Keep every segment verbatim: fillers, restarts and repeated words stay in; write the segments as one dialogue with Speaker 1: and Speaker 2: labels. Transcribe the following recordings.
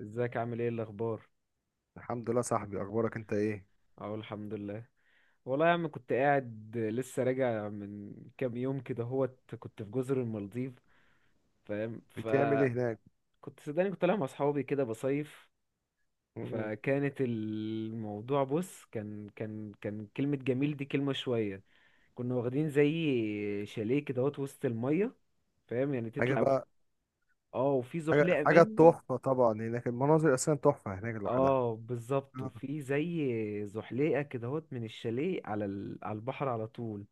Speaker 1: ازيك، عامل ايه، الاخبار؟
Speaker 2: الحمد لله، صاحبي. اخبارك انت ايه؟
Speaker 1: اهو الحمد لله. والله يا عم، كنت قاعد لسه راجع من كام يوم كده هوت. كنت في جزر المالديف. فاهم؟
Speaker 2: بتعمل ايه هناك؟
Speaker 1: فكنت صدقني كنت طالع مع اصحابي كده بصيف.
Speaker 2: مم.
Speaker 1: فكانت الموضوع، بص، كان كان كان كلمة جميل دي، كلمة شوية. كنا واخدين زي شاليه كده هوت وسط المية. فاهم؟ يعني
Speaker 2: حاجه
Speaker 1: تطلع.
Speaker 2: بقى.
Speaker 1: اه، وفي
Speaker 2: حاجه
Speaker 1: زحليقة
Speaker 2: حاجه
Speaker 1: منه.
Speaker 2: تحفه طبعا، هناك المناظر اساسا تحفه هناك لوحدها.
Speaker 1: اه بالظبط،
Speaker 2: آه.
Speaker 1: وفي زي زحليقه كده هوت من الشاليه على ال- على البحر على طول.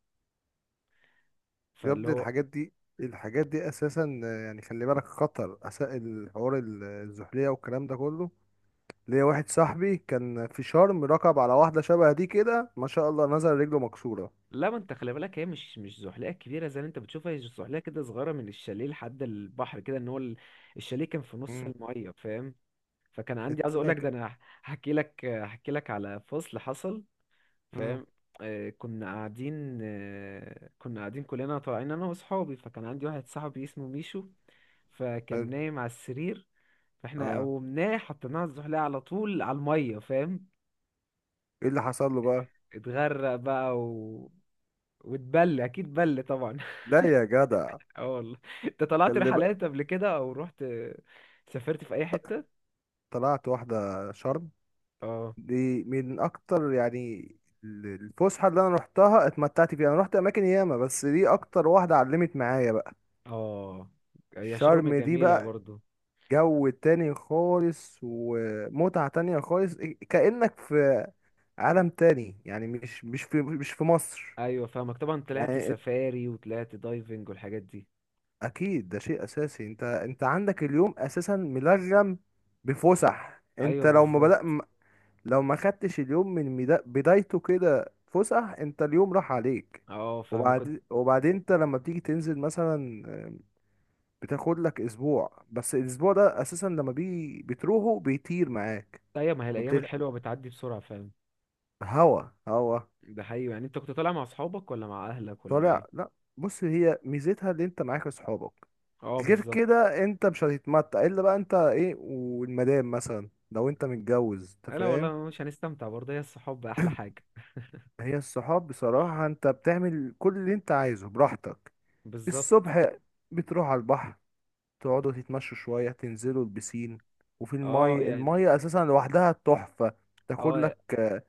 Speaker 2: يا
Speaker 1: فاللي
Speaker 2: ابني،
Speaker 1: هو،
Speaker 2: الحاجات دي الحاجات دي اساسا، آه، يعني خلي بالك، خطر اساء الحوار ال- الزحليه والكلام ده كله. ليا واحد صاحبي كان في شرم، ركب على واحده شبه دي كده، ما شاء الله، نزل رجله مكسوره.
Speaker 1: لا ما انت خلي بالك، هي مش مش زحليقه كبيره زي اللي انت بتشوفها. هي زحليقه كده صغيره من الشاليه لحد البحر كده، ان هو ال-. الشاليه كان في نص
Speaker 2: مم.
Speaker 1: الميه، فاهم؟ فكان عندي، عايز اقول
Speaker 2: التانية
Speaker 1: لك ده،
Speaker 2: ك-
Speaker 1: انا هحكي لك هحكي لك على فصل حصل.
Speaker 2: مم.
Speaker 1: فاهم؟ آه كنا قاعدين آه كنا قاعدين كلنا طالعين انا واصحابي. فكان عندي واحد صاحبي اسمه ميشو. فكان
Speaker 2: حلو.
Speaker 1: نايم على السرير. فاحنا
Speaker 2: اه،
Speaker 1: قومناه، حطيناه على الزحليقه على طول على الميه. فاهم؟
Speaker 2: ايه اللي حصل له بقى؟
Speaker 1: اتغرق بقى، و... واتبل اكيد، بل طبعا.
Speaker 2: لا يا جدع.
Speaker 1: اه والله. انت طلعت
Speaker 2: خلي بقى.
Speaker 1: رحلات قبل كده؟ او رحت، سافرت في اي حتة؟
Speaker 2: طلعت واحده شرم،
Speaker 1: اه.
Speaker 2: دي من اكتر يعني الفسحه اللي انا روحتها اتمتعت فيها. انا روحت اماكن ياما، بس دي اكتر واحده علمت معايا بقى.
Speaker 1: اه. هي شرم
Speaker 2: شرم دي
Speaker 1: جميلة
Speaker 2: بقى
Speaker 1: برضو.
Speaker 2: جو تاني خالص ومتعه تانية خالص، كأنك في عالم تاني يعني، مش مش في مش في مصر
Speaker 1: ايوه فاهمك، طبعا طلعت
Speaker 2: يعني.
Speaker 1: سفاري وطلعت دايفنج والحاجات دي.
Speaker 2: اكيد ده شيء اساسي. انت انت عندك اليوم اساسا ملغم بفسح. انت
Speaker 1: ايوه
Speaker 2: لو ما
Speaker 1: بالظبط.
Speaker 2: بدأ، لو ما خدتش اليوم من مدا- بدايته كده فسح، انت اليوم راح عليك.
Speaker 1: اه فاهمك كنت.
Speaker 2: وبعد، وبعدين انت لما بتيجي تنزل مثلا، آه، بتاخد لك اسبوع، بس الاسبوع ده اساسا لما بيجي بتروحه بيطير معاك.
Speaker 1: ايوه، ما هي
Speaker 2: ما
Speaker 1: الايام
Speaker 2: بتل...
Speaker 1: الحلوة بتعدي بسرعة. فاهم؟
Speaker 2: هوا هوا.
Speaker 1: ده حقيقي. يعني انت كنت طالع مع اصحابك، ولا مع اهلك، ولا مع ايه؟
Speaker 2: طالع، لا. بص، هي ميزتها اللي انت معاك اصحابك.
Speaker 1: اه
Speaker 2: غير
Speaker 1: بالظبط.
Speaker 2: كده انت مش هتتمتع الا بقى انت ايه، والمدام مثلا لو انت متجوز انت
Speaker 1: لا
Speaker 2: فاهم.
Speaker 1: والله، مش هنستمتع برضه. هي الصحاب احلى حاجة.
Speaker 2: هي الصحاب بصراحة، انت بتعمل كل اللي انت عايزه براحتك.
Speaker 1: بالظبط.
Speaker 2: الصبح بتروح على البحر، تقعدوا تتمشوا شوية، تنزلوا البسين. وفي
Speaker 1: اه
Speaker 2: المية،
Speaker 1: يعني.
Speaker 2: المية أساسا لوحدها تحفة. تاكل
Speaker 1: اه،
Speaker 2: لك، آه،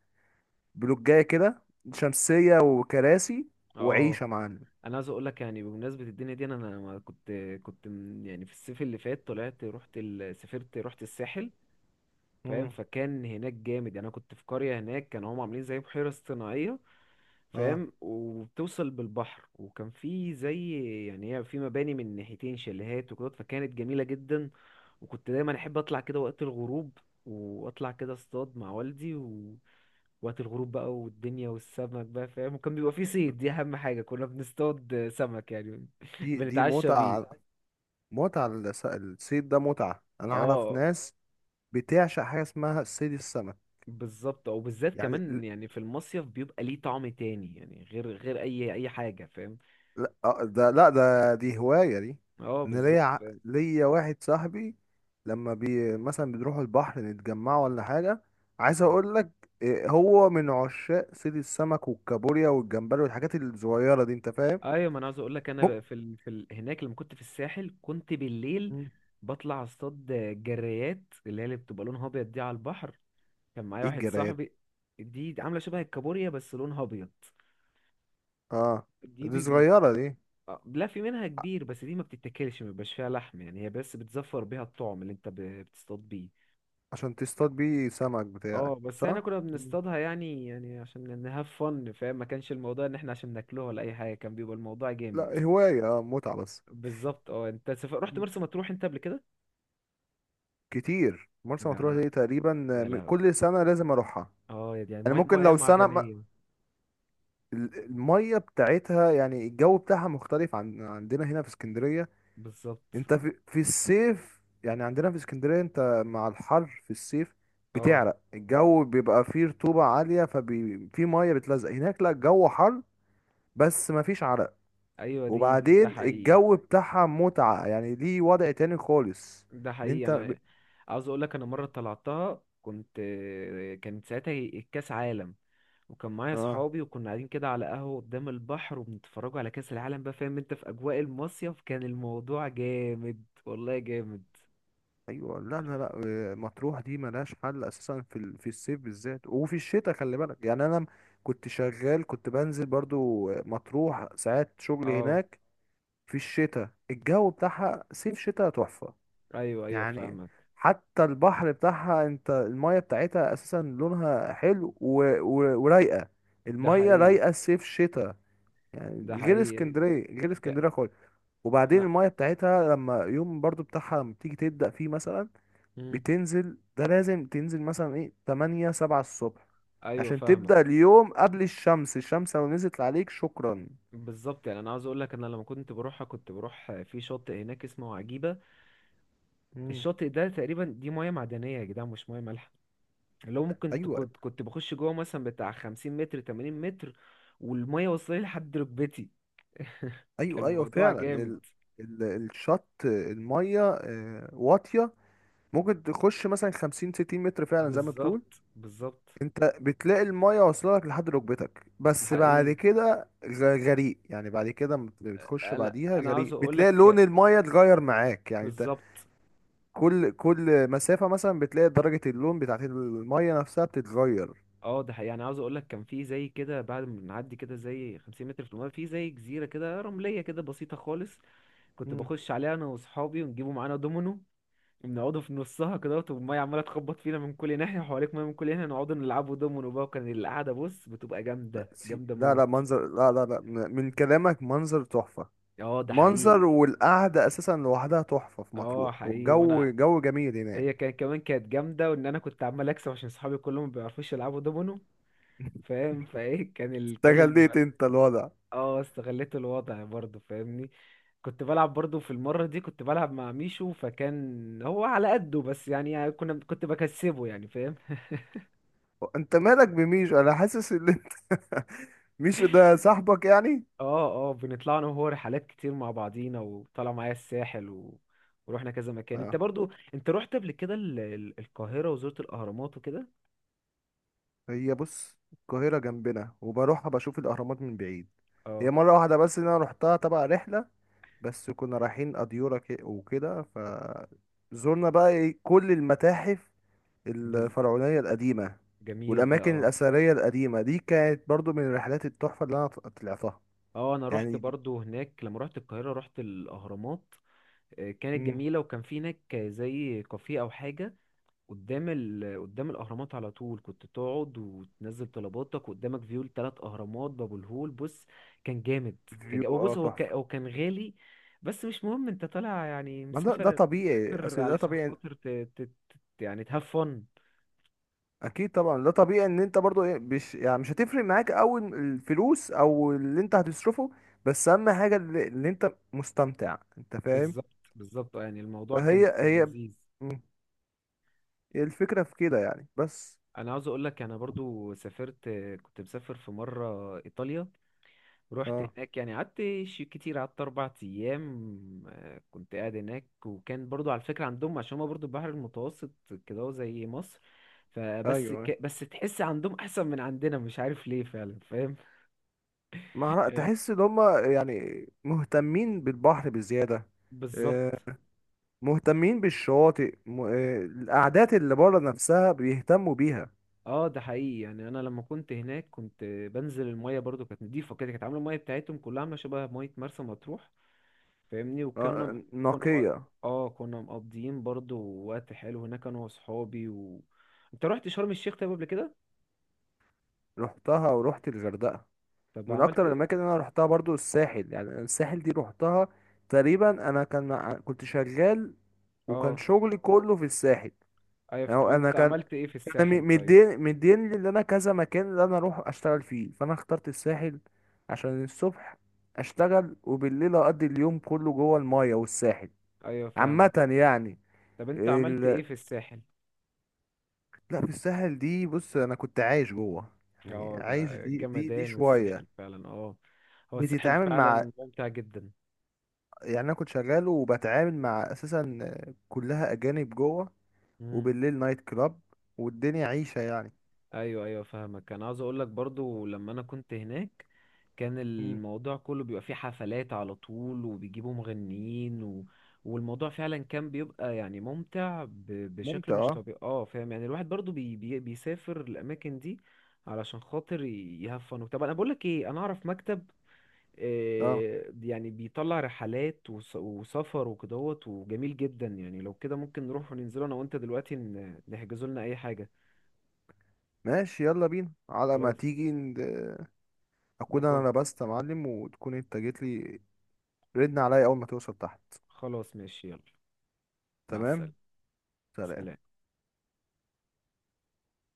Speaker 2: بلوجاية كده، شمسية وكراسي، وعيشة
Speaker 1: اه.
Speaker 2: يا معلم.
Speaker 1: انا عايز اقول لك، يعني بمناسبه الدنيا دي، انا أنا ما كنت. كنت من- يعني في الصيف اللي فات طلعت، رحت ال... سافرت رحت الساحل. فاهم؟
Speaker 2: مم.
Speaker 1: فكان هناك جامد. يعني انا كنت في قريه هناك، كانوا هم عاملين زي بحيره اصطناعيه.
Speaker 2: اه،
Speaker 1: فاهم؟ وبتوصل بالبحر، وكان في زي، يعني هي في مباني من ناحيتين شاليهات وكده، فكانت جميلة جدا. وكنت دايما احب اطلع كده وقت الغروب. واطلع كده اصطاد مع والدي. و... وقت الغروب بقى، والدنيا، والسمك بقى، فاهم؟ وكان بيبقى في صيد، دي اهم حاجة، كنا بنصطاد سمك يعني
Speaker 2: دي دي
Speaker 1: بنتعشى بيه.
Speaker 2: متعة. متعة الس- الصيد ده متعة. أنا أعرف
Speaker 1: اه
Speaker 2: ناس بتعشق حاجة اسمها الصيد، السمك
Speaker 1: بالظبط، او بالذات
Speaker 2: يعني.
Speaker 1: كمان، يعني في المصيف بيبقى ليه طعم تاني، يعني غير غير اي اي حاجة. فاهم؟
Speaker 2: لا، آه، ده لا، ده دي هواية دي.
Speaker 1: اه
Speaker 2: ان ليا
Speaker 1: بالظبط،
Speaker 2: ع-
Speaker 1: فاهم.
Speaker 2: ليا واحد صاحبي، لما بي مثلا بنروحوا البحر نتجمعوا ولا حاجة، عايز
Speaker 1: اه
Speaker 2: اقول لك إيه، هو من عشاق صيد السمك والكابوريا والجمبري والحاجات الصغيرة دي انت فاهم.
Speaker 1: ايوه، ما انا عاوز اقول لك، انا
Speaker 2: ممكن.
Speaker 1: بقى في ال... في ال... هناك لما كنت في الساحل، كنت بالليل
Speaker 2: مم.
Speaker 1: بطلع اصطاد جريات، اللي هي اللي بتبقى لونها ابيض دي على البحر. كان معايا
Speaker 2: ايه
Speaker 1: واحد
Speaker 2: الجرايات دي؟
Speaker 1: صاحبي. دي عامله شبه الكابوريا بس لونها ابيض.
Speaker 2: اه،
Speaker 1: دي
Speaker 2: دي
Speaker 1: بي...
Speaker 2: صغيرة دي.
Speaker 1: آه، لا في منها كبير، بس دي ما بتتاكلش، ما بيبقاش فيها لحم يعني. هي بس بتزفر بيها الطعم، اللي انت ب... بتصطاد بيه.
Speaker 2: عشان تصطاد بيه سمك بتاعك،
Speaker 1: اه، بس احنا
Speaker 2: صح؟
Speaker 1: كنا
Speaker 2: مم.
Speaker 1: بنصطادها يعني، يعني عشان نهاف فن، فاهم؟ ما كانش الموضوع ان احنا عشان ناكلوها ولا اي حاجه، كان بيبقى الموضوع جامد.
Speaker 2: لا، هواية، اه، متعة بس.
Speaker 1: بالظبط، اه. انت سف... رحت
Speaker 2: مم.
Speaker 1: مرسى مطروح انت قبل كده؟
Speaker 2: كتير. مرسى مطروح
Speaker 1: يا
Speaker 2: دي تقريبا، آه،
Speaker 1: يا
Speaker 2: م-
Speaker 1: لهوي.
Speaker 2: كل سنة لازم اروحها.
Speaker 1: اه يعني
Speaker 2: انا
Speaker 1: ميه،
Speaker 2: ممكن
Speaker 1: ميه
Speaker 2: لو سنة.
Speaker 1: معدنيه.
Speaker 2: ال- الميه بتاعتها يعني الجو بتاعها مختلف عن عندنا هنا في اسكندريه.
Speaker 1: بالظبط،
Speaker 2: انت في, في الصيف، يعني عندنا في اسكندريه انت مع الحر في الصيف
Speaker 1: اه.
Speaker 2: بتعرق، الجو بيبقى فيه رطوبه عاليه، ففي ميه بتلزق. هناك لا، الجو حر بس مفيش عرق.
Speaker 1: ايوه، دي دي- ده
Speaker 2: وبعدين
Speaker 1: حقيقي.
Speaker 2: الجو بتاعها متعه، يعني ليه وضع تاني خالص.
Speaker 1: ده
Speaker 2: ان
Speaker 1: حقيقي،
Speaker 2: انت ب...
Speaker 1: انا عاوز اقول لك، انا مره طلعتها كنت. كانت ساعتها الكاس عالم. وكان معايا
Speaker 2: اه،
Speaker 1: صحابي، وكنا قاعدين كده على قهوه قدام البحر، وبنتفرجوا على كاس العالم بقى. فاهم؟ انت في اجواء المصيف، كان الموضوع جامد، والله جامد.
Speaker 2: ايوه، لا لا لا. آه، مطروح دي ملهاش حل اساسا في ال- في الصيف بالذات، وفي الشتاء خلي بالك. يعني انا م- كنت شغال، كنت بنزل برضو آه، مطروح ساعات شغل
Speaker 1: اه
Speaker 2: هناك. في الشتاء الجو بتاعها صيف شتاء تحفة
Speaker 1: ايوه، ايوه
Speaker 2: يعني.
Speaker 1: فاهمك.
Speaker 2: حتى البحر بتاعها، انت المية بتاعتها اساسا لونها حلو و... و... ورايقة.
Speaker 1: ده
Speaker 2: المية
Speaker 1: حقيقي.
Speaker 2: رايقة صيف شتاء، يعني
Speaker 1: ده
Speaker 2: غير
Speaker 1: حقيقي.
Speaker 2: اسكندرية، غير
Speaker 1: يا-
Speaker 2: اسكندرية خالص. وبعدين
Speaker 1: لا.
Speaker 2: المية بتاعتها لما يوم برضو بتاعها لما بتيجي تبدأ فيه مثلا
Speaker 1: مم.
Speaker 2: بتنزل، ده لازم تنزل مثلا ايه تمانية سبعة الصبح
Speaker 1: ايوه
Speaker 2: عشان تبدأ
Speaker 1: فاهمك،
Speaker 2: اليوم قبل الشمس، الشمس لو نزلت عليك شكرا.
Speaker 1: بالظبط. يعني انا عاوز اقول لك، انا لما كنت بروحها، كنت بروح في شاطئ هناك اسمه عجيبه.
Speaker 2: مم.
Speaker 1: الشاطئ ده تقريبا، دي ميه معدنيه يا جدعان، مش ميه مالحه. اللي هو ممكن ت-
Speaker 2: ايوه،
Speaker 1: كنت كنت بخش جوه مثلا بتاع 50 متر، 80 متر. والميه وصلت لي لحد ركبتي. كان
Speaker 2: ايوه، ايوه،
Speaker 1: الموضوع
Speaker 2: فعلا.
Speaker 1: جامد.
Speaker 2: ال... ال... الشط الميه آه، واطيه، ممكن تخش مثلا خمسين ستين متر فعلا زي ما بتقول.
Speaker 1: بالظبط، بالظبط.
Speaker 2: انت بتلاقي الميه واصله لك لحد ركبتك،
Speaker 1: ده
Speaker 2: بس بعد
Speaker 1: حقيقي،
Speaker 2: كده غ- غريق. يعني بعد كده لما بتخش
Speaker 1: انا
Speaker 2: بعديها
Speaker 1: انا عاوز
Speaker 2: غريق،
Speaker 1: اقول
Speaker 2: بتلاقي لون
Speaker 1: لك.
Speaker 2: الميه اتغير معاك يعني،
Speaker 1: بالظبط.
Speaker 2: كل كل مسافة مثلا بتلاقي درجة اللون بتاعت المية نفسها بتتغير.
Speaker 1: اه ده حقيقي يعني، عاوز اقول لك، كان في زي كده بعد ما بنعدي كده زي 50 متر في الميه، في زي جزيره كده رمليه كده بسيطه خالص. كنت
Speaker 2: مم.
Speaker 1: بخش عليها انا واصحابي، ونجيبوا معانا دومينو، ونقعدوا في نصها كده، والميه عماله تخبط فينا من كل ناحيه، وحواليك ميه من كل ناحيه. نقعدوا نلعبوا دومينو بقى. وكان القعده، بص، بتبقى
Speaker 2: لا
Speaker 1: جامده
Speaker 2: سي-
Speaker 1: جامده
Speaker 2: لا لا
Speaker 1: موت.
Speaker 2: منظر، لا لا لا م- من كلامك منظر تحفة.
Speaker 1: اه ده
Speaker 2: منظر
Speaker 1: حقيقي.
Speaker 2: والقعدة أساسا لوحدها تحفة في
Speaker 1: اه
Speaker 2: مطروح،
Speaker 1: حقيقي وانا،
Speaker 2: والجو جو جميل هناك.
Speaker 1: هي كان كمان كانت جامده، وان انا كنت عمال اكسب عشان صحابي كلهم ما بيعرفوش يلعبوا دومينو. فاهم؟ فايه كان ال... كان الم....
Speaker 2: استغليت انت الوضع.
Speaker 1: اه استغليت الوضع برضو، فاهمني. كنت بلعب برضو، في المرة دي كنت بلعب مع ميشو، فكان هو على قده بس يعني، يعني كنا كنت بكسبه يعني. فاهم؟
Speaker 2: انت مالك بميشو؟ انا حاسس ان انت ميشو ده صاحبك يعني؟
Speaker 1: اه، اه. بنطلع انا وهو رحلات كتير مع بعضينا، وطلع معايا الساحل. و... ورحنا كذا مكان. انت
Speaker 2: اه،
Speaker 1: برضو، انت رحت قبل كده ال... ال- القاهرة، وزرت الاهرامات وكده.
Speaker 2: هي بص القاهرة جنبنا وبروحها بشوف الأهرامات من بعيد.
Speaker 1: اه
Speaker 2: هي مرة واحدة بس إن أنا روحتها تبع رحلة، بس كنا رايحين أديورة ك- وكده، فزورنا بقى إيه كل المتاحف
Speaker 1: بز...
Speaker 2: الفرعونية القديمة
Speaker 1: جميل ده،
Speaker 2: والأماكن
Speaker 1: اه.
Speaker 2: الأثرية القديمة دي، كانت برضو من رحلات التحفة اللي أنا ط- طلعتها
Speaker 1: اه، انا رحت
Speaker 2: يعني دي.
Speaker 1: برضو هناك، لما رحت القاهرة رحت الاهرامات. آه، كانت
Speaker 2: مم.
Speaker 1: جميلة. وكان في هناك زي كافيه او حاجة قدام ال... قدام الاهرامات على طول. كنت تقعد وتنزل طلباتك قدامك، فيو التلات اهرامات، باب الهول، بص، كان جامد. كان
Speaker 2: فيو،
Speaker 1: جامد،
Speaker 2: اه،
Speaker 1: بص. هو كان...
Speaker 2: تحفة.
Speaker 1: هو كان غالي. بس مش مهم، انت طالع يعني،
Speaker 2: ما ده ده
Speaker 1: مسافر.
Speaker 2: طبيعي،
Speaker 1: مسافر
Speaker 2: أصل ده
Speaker 1: علشان
Speaker 2: طبيعي.
Speaker 1: خاطر ت... ت... ت... يعني تهاف فن.
Speaker 2: أكيد طبعا، ده طبيعي إن أنت برضو، إيه، مش يعني مش هتفرق معاك أوي الفلوس أو اللي أنت هتصرفه، بس أهم حاجة اللي, اللي أنت مستمتع، أنت فاهم.
Speaker 1: بالظبط، بالظبط. آه، يعني الموضوع
Speaker 2: فهي
Speaker 1: كان كان
Speaker 2: هي.
Speaker 1: لذيذ.
Speaker 2: مم. هي الفكرة في كده يعني بس.
Speaker 1: انا عاوز اقول لك، انا برضو سافرت. كنت مسافر في مره ايطاليا. رحت
Speaker 2: اه،
Speaker 1: هناك يعني، قعدت ش- كتير، قعدت أربع أيام. آه، كنت قاعد هناك. وكان برضو على فكرة عندهم، عشان هما برضو البحر المتوسط كده، هو زي مصر.
Speaker 2: ايوه،
Speaker 1: فبس
Speaker 2: أيوة.
Speaker 1: ك... بس تحس عندهم أحسن من عندنا، مش عارف ليه فعلا. فاهم؟
Speaker 2: ما هر- تحس ان هم يعني مهتمين بالبحر بزياده، آه،
Speaker 1: بالظبط،
Speaker 2: مهتمين بالشواطئ، م- آه، القعدات اللي بره نفسها بيهتموا بيها.
Speaker 1: اه. ده حقيقي يعني، انا لما كنت هناك كنت بنزل المية، برضو كانت نضيفة كده، كانت عاملة المية بتاعتهم كلها عاملة شبه مية مرسى مطروح. فاهمني؟ وكنا
Speaker 2: آه،
Speaker 1: كنا مق-
Speaker 2: نقيه.
Speaker 1: اه كنا مقضيين برضو وقت حلو هناك، انا واصحابي. و... انت رحت شرم الشيخ طيب قبل كده؟
Speaker 2: رحتها ورحت الغردقه.
Speaker 1: طب
Speaker 2: من
Speaker 1: عملت
Speaker 2: اكتر
Speaker 1: ايه؟
Speaker 2: الاماكن اللي انا رحتها برضو الساحل، يعني الساحل دي رحتها تقريبا. انا كان ع- كنت شغال، وكان
Speaker 1: اه
Speaker 2: شغلي كله في الساحل.
Speaker 1: ايوه.
Speaker 2: أو
Speaker 1: طب
Speaker 2: أنا
Speaker 1: انت
Speaker 2: كان
Speaker 1: عملت ايه في
Speaker 2: كان مي-
Speaker 1: الساحل طيب؟
Speaker 2: مدين مدين لي إن أنا كذا مكان اللي أنا أروح أشتغل فيه، فأنا اخترت الساحل. عشان الصبح أشتغل وبالليل أقضي اليوم كله جوه الماية والساحل.
Speaker 1: ايوه
Speaker 2: عامة
Speaker 1: فاهمك.
Speaker 2: يعني.
Speaker 1: طب انت عملت ايه
Speaker 2: ال...
Speaker 1: في الساحل؟
Speaker 2: لا، في الساحل دي بص انا كنت عايش جوه، يعني
Speaker 1: اه،
Speaker 2: عايش،
Speaker 1: ده
Speaker 2: دي دي دي
Speaker 1: جمدان الساحل
Speaker 2: شويه.
Speaker 1: فعلا. اه، هو الساحل
Speaker 2: بتتعامل مع،
Speaker 1: فعلا ممتع جدا.
Speaker 2: يعني انا كنت شغال وبتعامل مع اساسا كلها اجانب جوه، وبالليل نايت كلاب، والدنيا عيشه يعني.
Speaker 1: ايوه، ايوه فاهمك. انا عاوز اقول لك، برضو لما انا كنت هناك، كان
Speaker 2: مم.
Speaker 1: الموضوع كله بيبقى فيه حفلات على طول، وبيجيبوا مغنيين. و... والموضوع فعلا كان بيبقى يعني ممتع ب... بشكل
Speaker 2: ممتع،
Speaker 1: مش
Speaker 2: اه.
Speaker 1: طبيعي. اه فاهم، يعني الواحد برضو بي... بي... بيسافر الاماكن دي علشان خاطر ي- يهفن. طب انا بقول لك ايه، انا اعرف مكتب،
Speaker 2: اه
Speaker 1: آه، يعني بيطلع رحلات وس... وسفر وكدهوت، وجميل جدا يعني. لو كده ممكن نروح وننزله انا وانت دلوقتي، ن... نحجزوا لنا اي حاجة.
Speaker 2: ماشي، يلا بينا، على ما
Speaker 1: خلاص.
Speaker 2: تيجي ن- اكون انا لبست يا معلم، وتكون انت جيت لي. ردنا عليا اول ما توصل تحت.
Speaker 1: خلاص ماشي، يلا. مع السلامة.
Speaker 2: تمام، سلام.
Speaker 1: سلام.